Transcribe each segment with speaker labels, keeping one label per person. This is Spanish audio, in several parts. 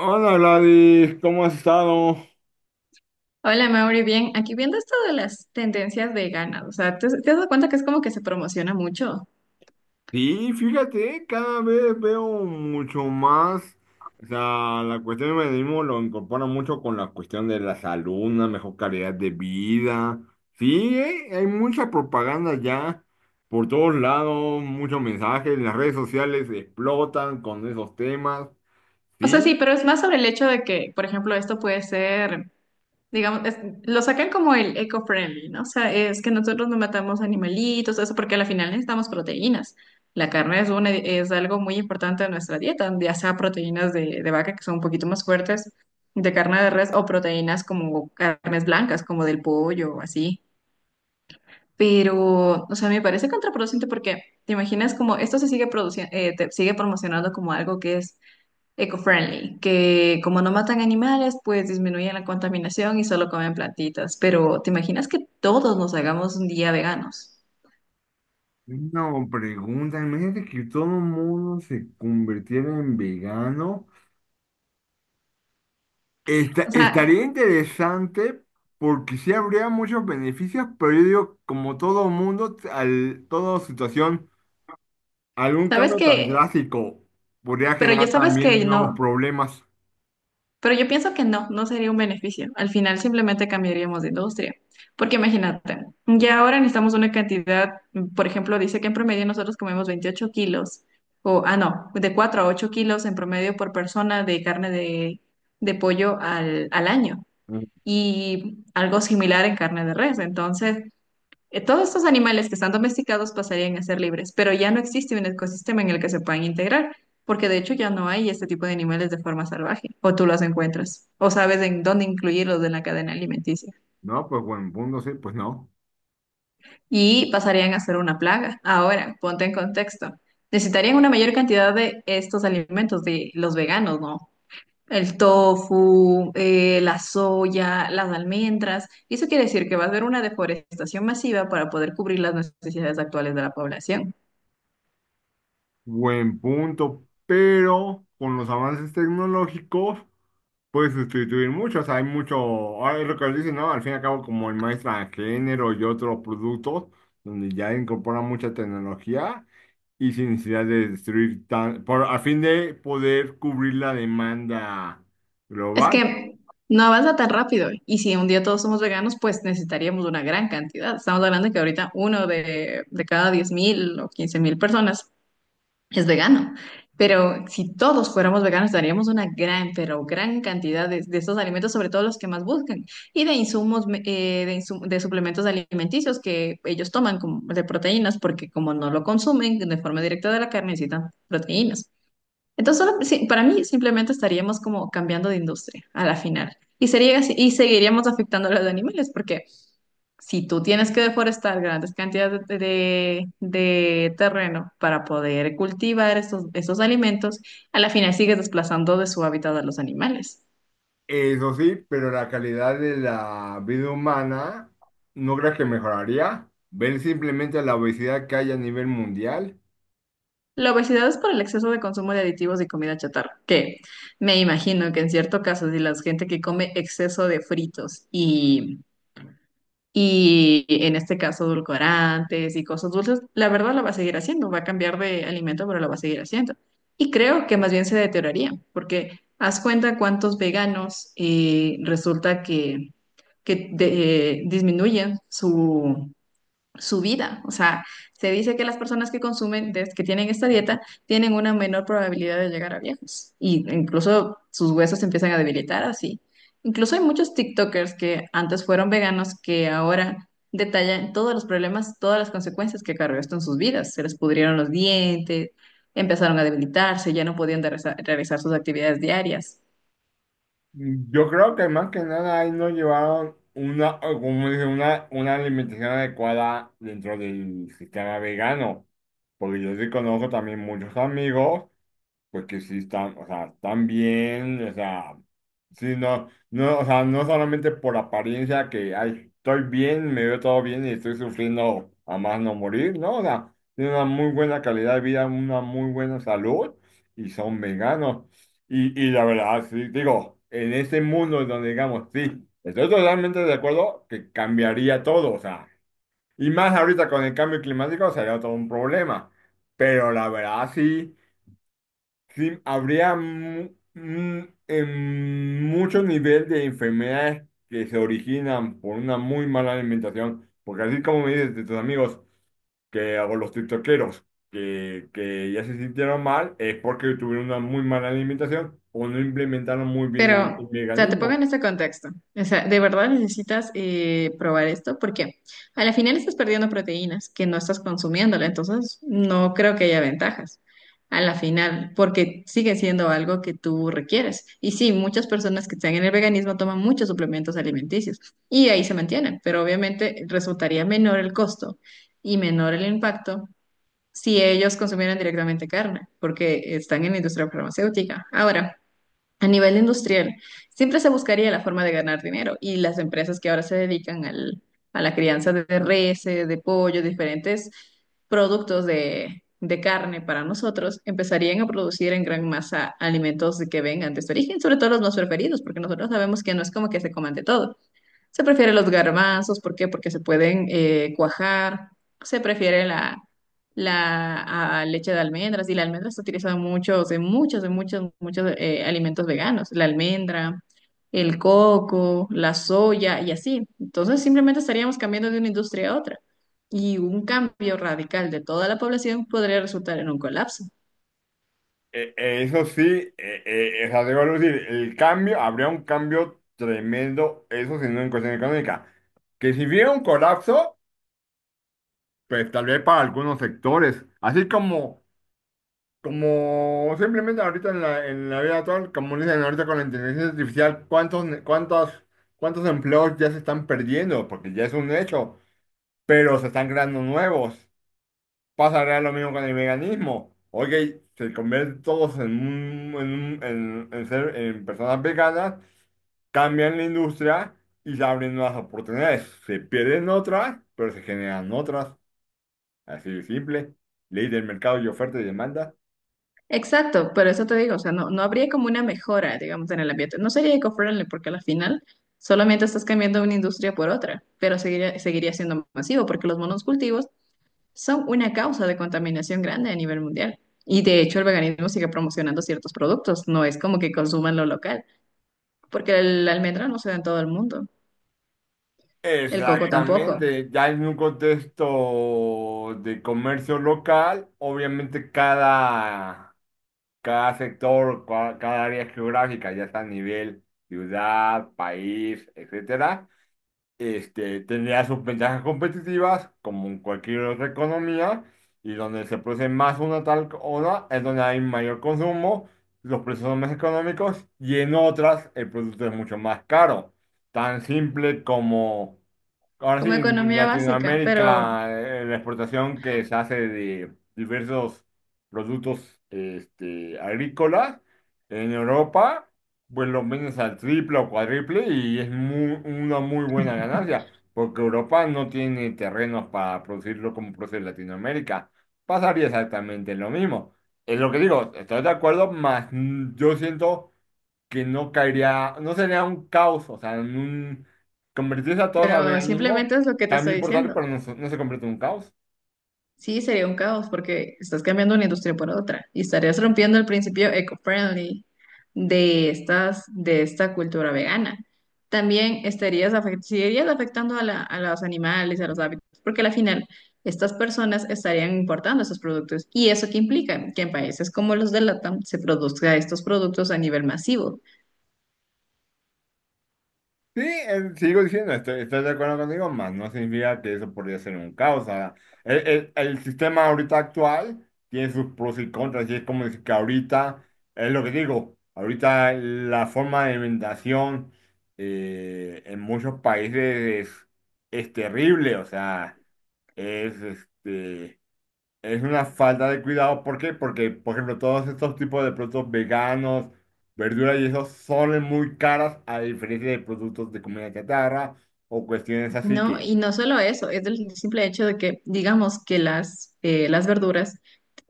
Speaker 1: Hola Gladys, ¿cómo has estado?
Speaker 2: Hola Mauri, bien, aquí viendo esto de las tendencias veganas, o sea, ¿te has dado cuenta que es como que se promociona mucho?
Speaker 1: Sí, fíjate, cada vez veo mucho más, o sea, la cuestión del veganismo lo incorpora mucho con la cuestión de la salud, una mejor calidad de vida. Sí, hay mucha propaganda ya por todos lados, muchos mensajes, las redes sociales explotan con esos temas.
Speaker 2: O sea, sí,
Speaker 1: Sí,
Speaker 2: pero es más sobre el hecho de que, por ejemplo, esto puede ser, digamos, lo sacan como el eco-friendly, ¿no? O sea, es que nosotros no matamos animalitos, eso, porque al final necesitamos proteínas. La carne es una, es algo muy importante de nuestra dieta, ya sea proteínas de vaca que son un poquito más fuertes, de carne de res, o proteínas como carnes blancas, como del pollo o así. Pero, o sea, me parece contraproducente porque te imaginas como esto se sigue produciendo, te sigue promocionando como algo que es eco-friendly, que como no matan animales, pues disminuyen la contaminación y solo comen plantitas. Pero, ¿te imaginas que todos nos hagamos un día veganos?
Speaker 1: no, pregunta, imagínate que todo el mundo se convirtiera en vegano.
Speaker 2: O sea,
Speaker 1: Estaría interesante porque sí habría muchos beneficios, pero yo digo, como todo mundo, toda situación, algún
Speaker 2: sabes
Speaker 1: cambio tan
Speaker 2: que,
Speaker 1: drástico podría
Speaker 2: pero ya
Speaker 1: generar
Speaker 2: sabes
Speaker 1: también
Speaker 2: que
Speaker 1: nuevos
Speaker 2: no.
Speaker 1: problemas.
Speaker 2: Pero yo pienso que no sería un beneficio. Al final simplemente cambiaríamos de industria. Porque imagínate, ya ahora necesitamos una cantidad, por ejemplo, dice que en promedio nosotros comemos 28 kilos, o, ah, no, de 4 a 8 kilos en promedio por persona de carne de pollo al año.
Speaker 1: Mm,
Speaker 2: Y algo similar en carne de res. Entonces, todos estos animales que están domesticados pasarían a ser libres, pero ya no existe un ecosistema en el que se puedan integrar, porque de hecho ya no hay este tipo de animales de forma salvaje, o tú los encuentras, o sabes en dónde incluirlos en la cadena alimenticia,
Speaker 1: No, pues buen punto, sí, pues no.
Speaker 2: y pasarían a ser una plaga. Ahora, ponte en contexto. Necesitarían una mayor cantidad de estos alimentos de los veganos, ¿no? El tofu, la soya, las almendras. Y eso quiere decir que va a haber una deforestación masiva para poder cubrir las necesidades actuales de la población.
Speaker 1: Buen punto, pero con los avances tecnológicos puedes sustituir muchos. Hay mucho, ahora es lo que dicen, ¿no? Al fin y al cabo, como el maestra de género y otros productos, donde ya incorporan mucha tecnología. Y sin necesidad de destruir tan, por, a fin de poder cubrir la demanda
Speaker 2: Es
Speaker 1: global.
Speaker 2: que no avanza tan rápido. Y si un día todos somos veganos, pues necesitaríamos una gran cantidad. Estamos hablando de que ahorita uno de cada 10.000 o 15.000 personas es vegano. Pero si todos fuéramos veganos, daríamos una gran, pero gran cantidad de estos alimentos, sobre todo los que más buscan, y de insumos, de suplementos alimenticios que ellos toman como de proteínas, porque como no lo consumen de forma directa de la carne, necesitan proteínas. Entonces, sí, para mí simplemente estaríamos como cambiando de industria a la final. Y sería, y seguiríamos afectando a los animales, porque si tú tienes que deforestar grandes cantidades de terreno para poder cultivar esos alimentos, a la final sigues desplazando de su hábitat a los animales.
Speaker 1: Eso sí, pero la calidad de la vida humana no creo que mejoraría. Ver simplemente la obesidad que hay a nivel mundial.
Speaker 2: La obesidad es por el exceso de consumo de aditivos y comida chatarra, que me imagino que en cierto caso, si la gente que come exceso de fritos y en este caso, edulcorantes y cosas dulces, la verdad la va a seguir haciendo, va a cambiar de alimento, pero la va a seguir haciendo. Y creo que más bien se deterioraría, porque haz cuenta cuántos veganos resulta que, disminuyen su vida. O sea, se dice que las personas que consumen, que tienen esta dieta, tienen una menor probabilidad de llegar a viejos. Y incluso sus huesos se empiezan a debilitar así. Incluso hay muchos TikTokers que antes fueron veganos que ahora detallan todos los problemas, todas las consecuencias que cargó esto en sus vidas. Se les pudrieron los dientes, empezaron a debilitarse, ya no podían realizar sus actividades diarias.
Speaker 1: Yo creo que más que nada ahí no llevaron una, o como dice, una alimentación adecuada dentro del sistema vegano. Porque yo sí conozco también muchos amigos. Porque sí están, o sea, están bien, o sea, sí, o sea, no solamente por apariencia que, ay, estoy bien, me veo todo bien y estoy sufriendo a más no morir, ¿no? O sea, tienen una muy buena calidad de vida, una muy buena salud y son veganos. Y la verdad, sí, digo, en este mundo donde digamos, sí, estoy totalmente de acuerdo que cambiaría todo, o sea, y más ahorita con el cambio climático sería todo un problema, pero la verdad, sí. Sí, habría mucho nivel de enfermedades que se originan por una muy mala alimentación, porque así como me dices de tus amigos que o los tiktokeros que ya se sintieron mal, es porque tuvieron una muy mala alimentación o no implementaron muy bien el
Speaker 2: Pero, o sea, te pongo en
Speaker 1: veganismo.
Speaker 2: este contexto. O sea, de verdad necesitas probar esto porque a la final estás perdiendo proteínas que no estás consumiéndola, entonces no creo que haya ventajas a la final porque sigue siendo algo que tú requieres. Y sí, muchas personas que están en el veganismo toman muchos suplementos alimenticios y ahí se mantienen, pero obviamente resultaría menor el costo y menor el impacto si ellos consumieran directamente carne porque están en la industria farmacéutica. Ahora. A nivel industrial, siempre se buscaría la forma de ganar dinero y las empresas que ahora se dedican a la crianza de reses, de pollo, diferentes productos de carne para nosotros, empezarían a producir en gran masa alimentos que vengan de este origen, sobre todo los más preferidos, porque nosotros sabemos que no es como que se coman de todo. Se prefieren los garbanzos, ¿por qué? Porque se pueden cuajar. Se prefiere la leche de almendras y la almendra se utiliza mucho en muchos, muchos alimentos veganos. La almendra, el coco, la soya y así. Entonces simplemente estaríamos cambiando de una industria a otra. Y un cambio radical de toda la población podría resultar en un colapso.
Speaker 1: Eso sí, o sea, debo decir, el cambio, habría un cambio tremendo, eso si no en cuestión económica. Que si hubiera un colapso, pues tal vez para algunos sectores, así como, como simplemente ahorita en en la vida actual, como dicen ahorita con la inteligencia artificial, cuántos empleos ya se están perdiendo, porque ya es un hecho, pero se están creando nuevos. Pasará lo mismo con el veganismo. Oye, se convierten todos en, un- en, un- en ser, en personas veganas, cambian la industria y se abren nuevas oportunidades. Se pierden otras, pero se generan otras. Así de simple. Ley del mercado y oferta y demanda.
Speaker 2: Exacto, pero eso te digo, o sea, no habría como una mejora, digamos, en el ambiente. No sería eco-friendly porque al final solamente estás cambiando una industria por otra, pero seguiría siendo masivo porque los monocultivos son una causa de contaminación grande a nivel mundial. Y de hecho el veganismo sigue promocionando ciertos productos, no es como que consuman lo local, porque el almendra no se da en todo el mundo, el coco tampoco,
Speaker 1: Exactamente, ya en un contexto de comercio local, obviamente cada sector, cada área geográfica, ya sea a nivel ciudad, país, etcétera, este, tendría sus ventajas competitivas, como en cualquier otra economía, y donde se produce más una tal cosa es donde hay mayor consumo, los precios son más económicos, y en otras el producto es mucho más caro. Tan simple como, ahora sí,
Speaker 2: como
Speaker 1: en
Speaker 2: economía básica,
Speaker 1: Latinoamérica, la exportación que se hace de diversos productos este, agrícolas, en Europa pues lo vendes al triple o cuádruple y es una muy buena ganancia, porque Europa no tiene terrenos para producirlo como produce Latinoamérica. Pasaría exactamente lo mismo. Es lo que digo, estoy de acuerdo, más yo siento que no caería, no sería un caos, o sea, en un, convertirse a todos a
Speaker 2: pero simplemente
Speaker 1: veganismo,
Speaker 2: es lo que te
Speaker 1: también
Speaker 2: estoy
Speaker 1: importante,
Speaker 2: diciendo.
Speaker 1: pero no, no se convierte en un caos.
Speaker 2: Sí, sería un caos porque estás cambiando una industria por otra y estarías rompiendo el principio eco-friendly de de esta cultura vegana. También estarías seguirías afectando a, a los animales, a los hábitos, porque al final estas personas estarían importando esos productos. ¿Y eso qué implica? Que en países como los de LATAM se produzca estos productos a nivel masivo,
Speaker 1: Sí, sigo diciendo, estoy de acuerdo contigo, más no significa que eso podría ser un caos. O sea, el sistema ahorita actual tiene sus pros y contras, y es como decir que ahorita, es lo que digo, ahorita la forma de alimentación en muchos países es terrible, o sea, es este. Es una falta de cuidado. ¿Por qué? Porque, por ejemplo, todos estos tipos de productos veganos, verduras y eso son muy caras a diferencia de productos de comida chatarra o cuestiones así
Speaker 2: ¿no? Y
Speaker 1: que.
Speaker 2: no solo eso, es el simple hecho de que, digamos, que las verduras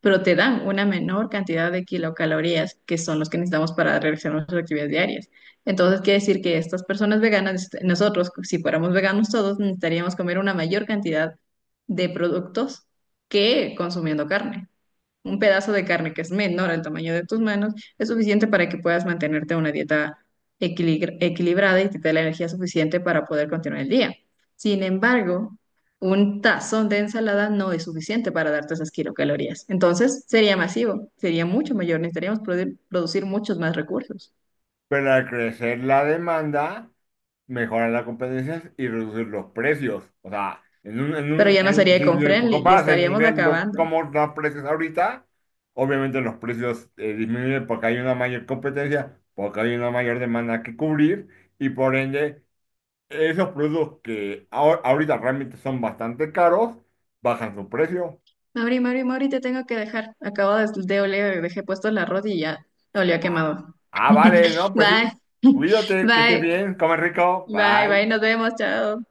Speaker 2: pero te dan una menor cantidad de kilocalorías que son los que necesitamos para realizar nuestras actividades diarias. Entonces, quiere decir que estas personas veganas, nosotros, si fuéramos veganos todos, necesitaríamos comer una mayor cantidad de productos que consumiendo carne. Un pedazo de carne que es menor al tamaño de tus manos es suficiente para que puedas mantenerte una dieta equilibrada y te dé la energía suficiente para poder continuar el día. Sin embargo, un tazón de ensalada no es suficiente para darte esas kilocalorías. Entonces, sería masivo, sería mucho mayor, necesitaríamos producir muchos más recursos.
Speaker 1: Pero al crecer la demanda, mejoran las competencias y reducir los precios. O sea,
Speaker 2: Pero ya no sería
Speaker 1: si le
Speaker 2: eco-friendly y
Speaker 1: comparas el
Speaker 2: estaríamos
Speaker 1: nivel, lo,
Speaker 2: acabando.
Speaker 1: como los precios ahorita, obviamente los precios disminuyen porque hay una mayor competencia, porque hay una mayor demanda que cubrir y por ende esos productos que ahorita realmente son bastante caros, bajan su precio.
Speaker 2: Mauri, Mauri, Mauri, te tengo que dejar. Acabo de oler, dejé puesto la rodilla. Olió a
Speaker 1: Ah,
Speaker 2: quemado.
Speaker 1: ah, vale, no, pues
Speaker 2: Bye.
Speaker 1: sí. Cuídate, que estés
Speaker 2: Bye.
Speaker 1: bien, come rico,
Speaker 2: Bye, bye,
Speaker 1: bye.
Speaker 2: nos vemos, chao.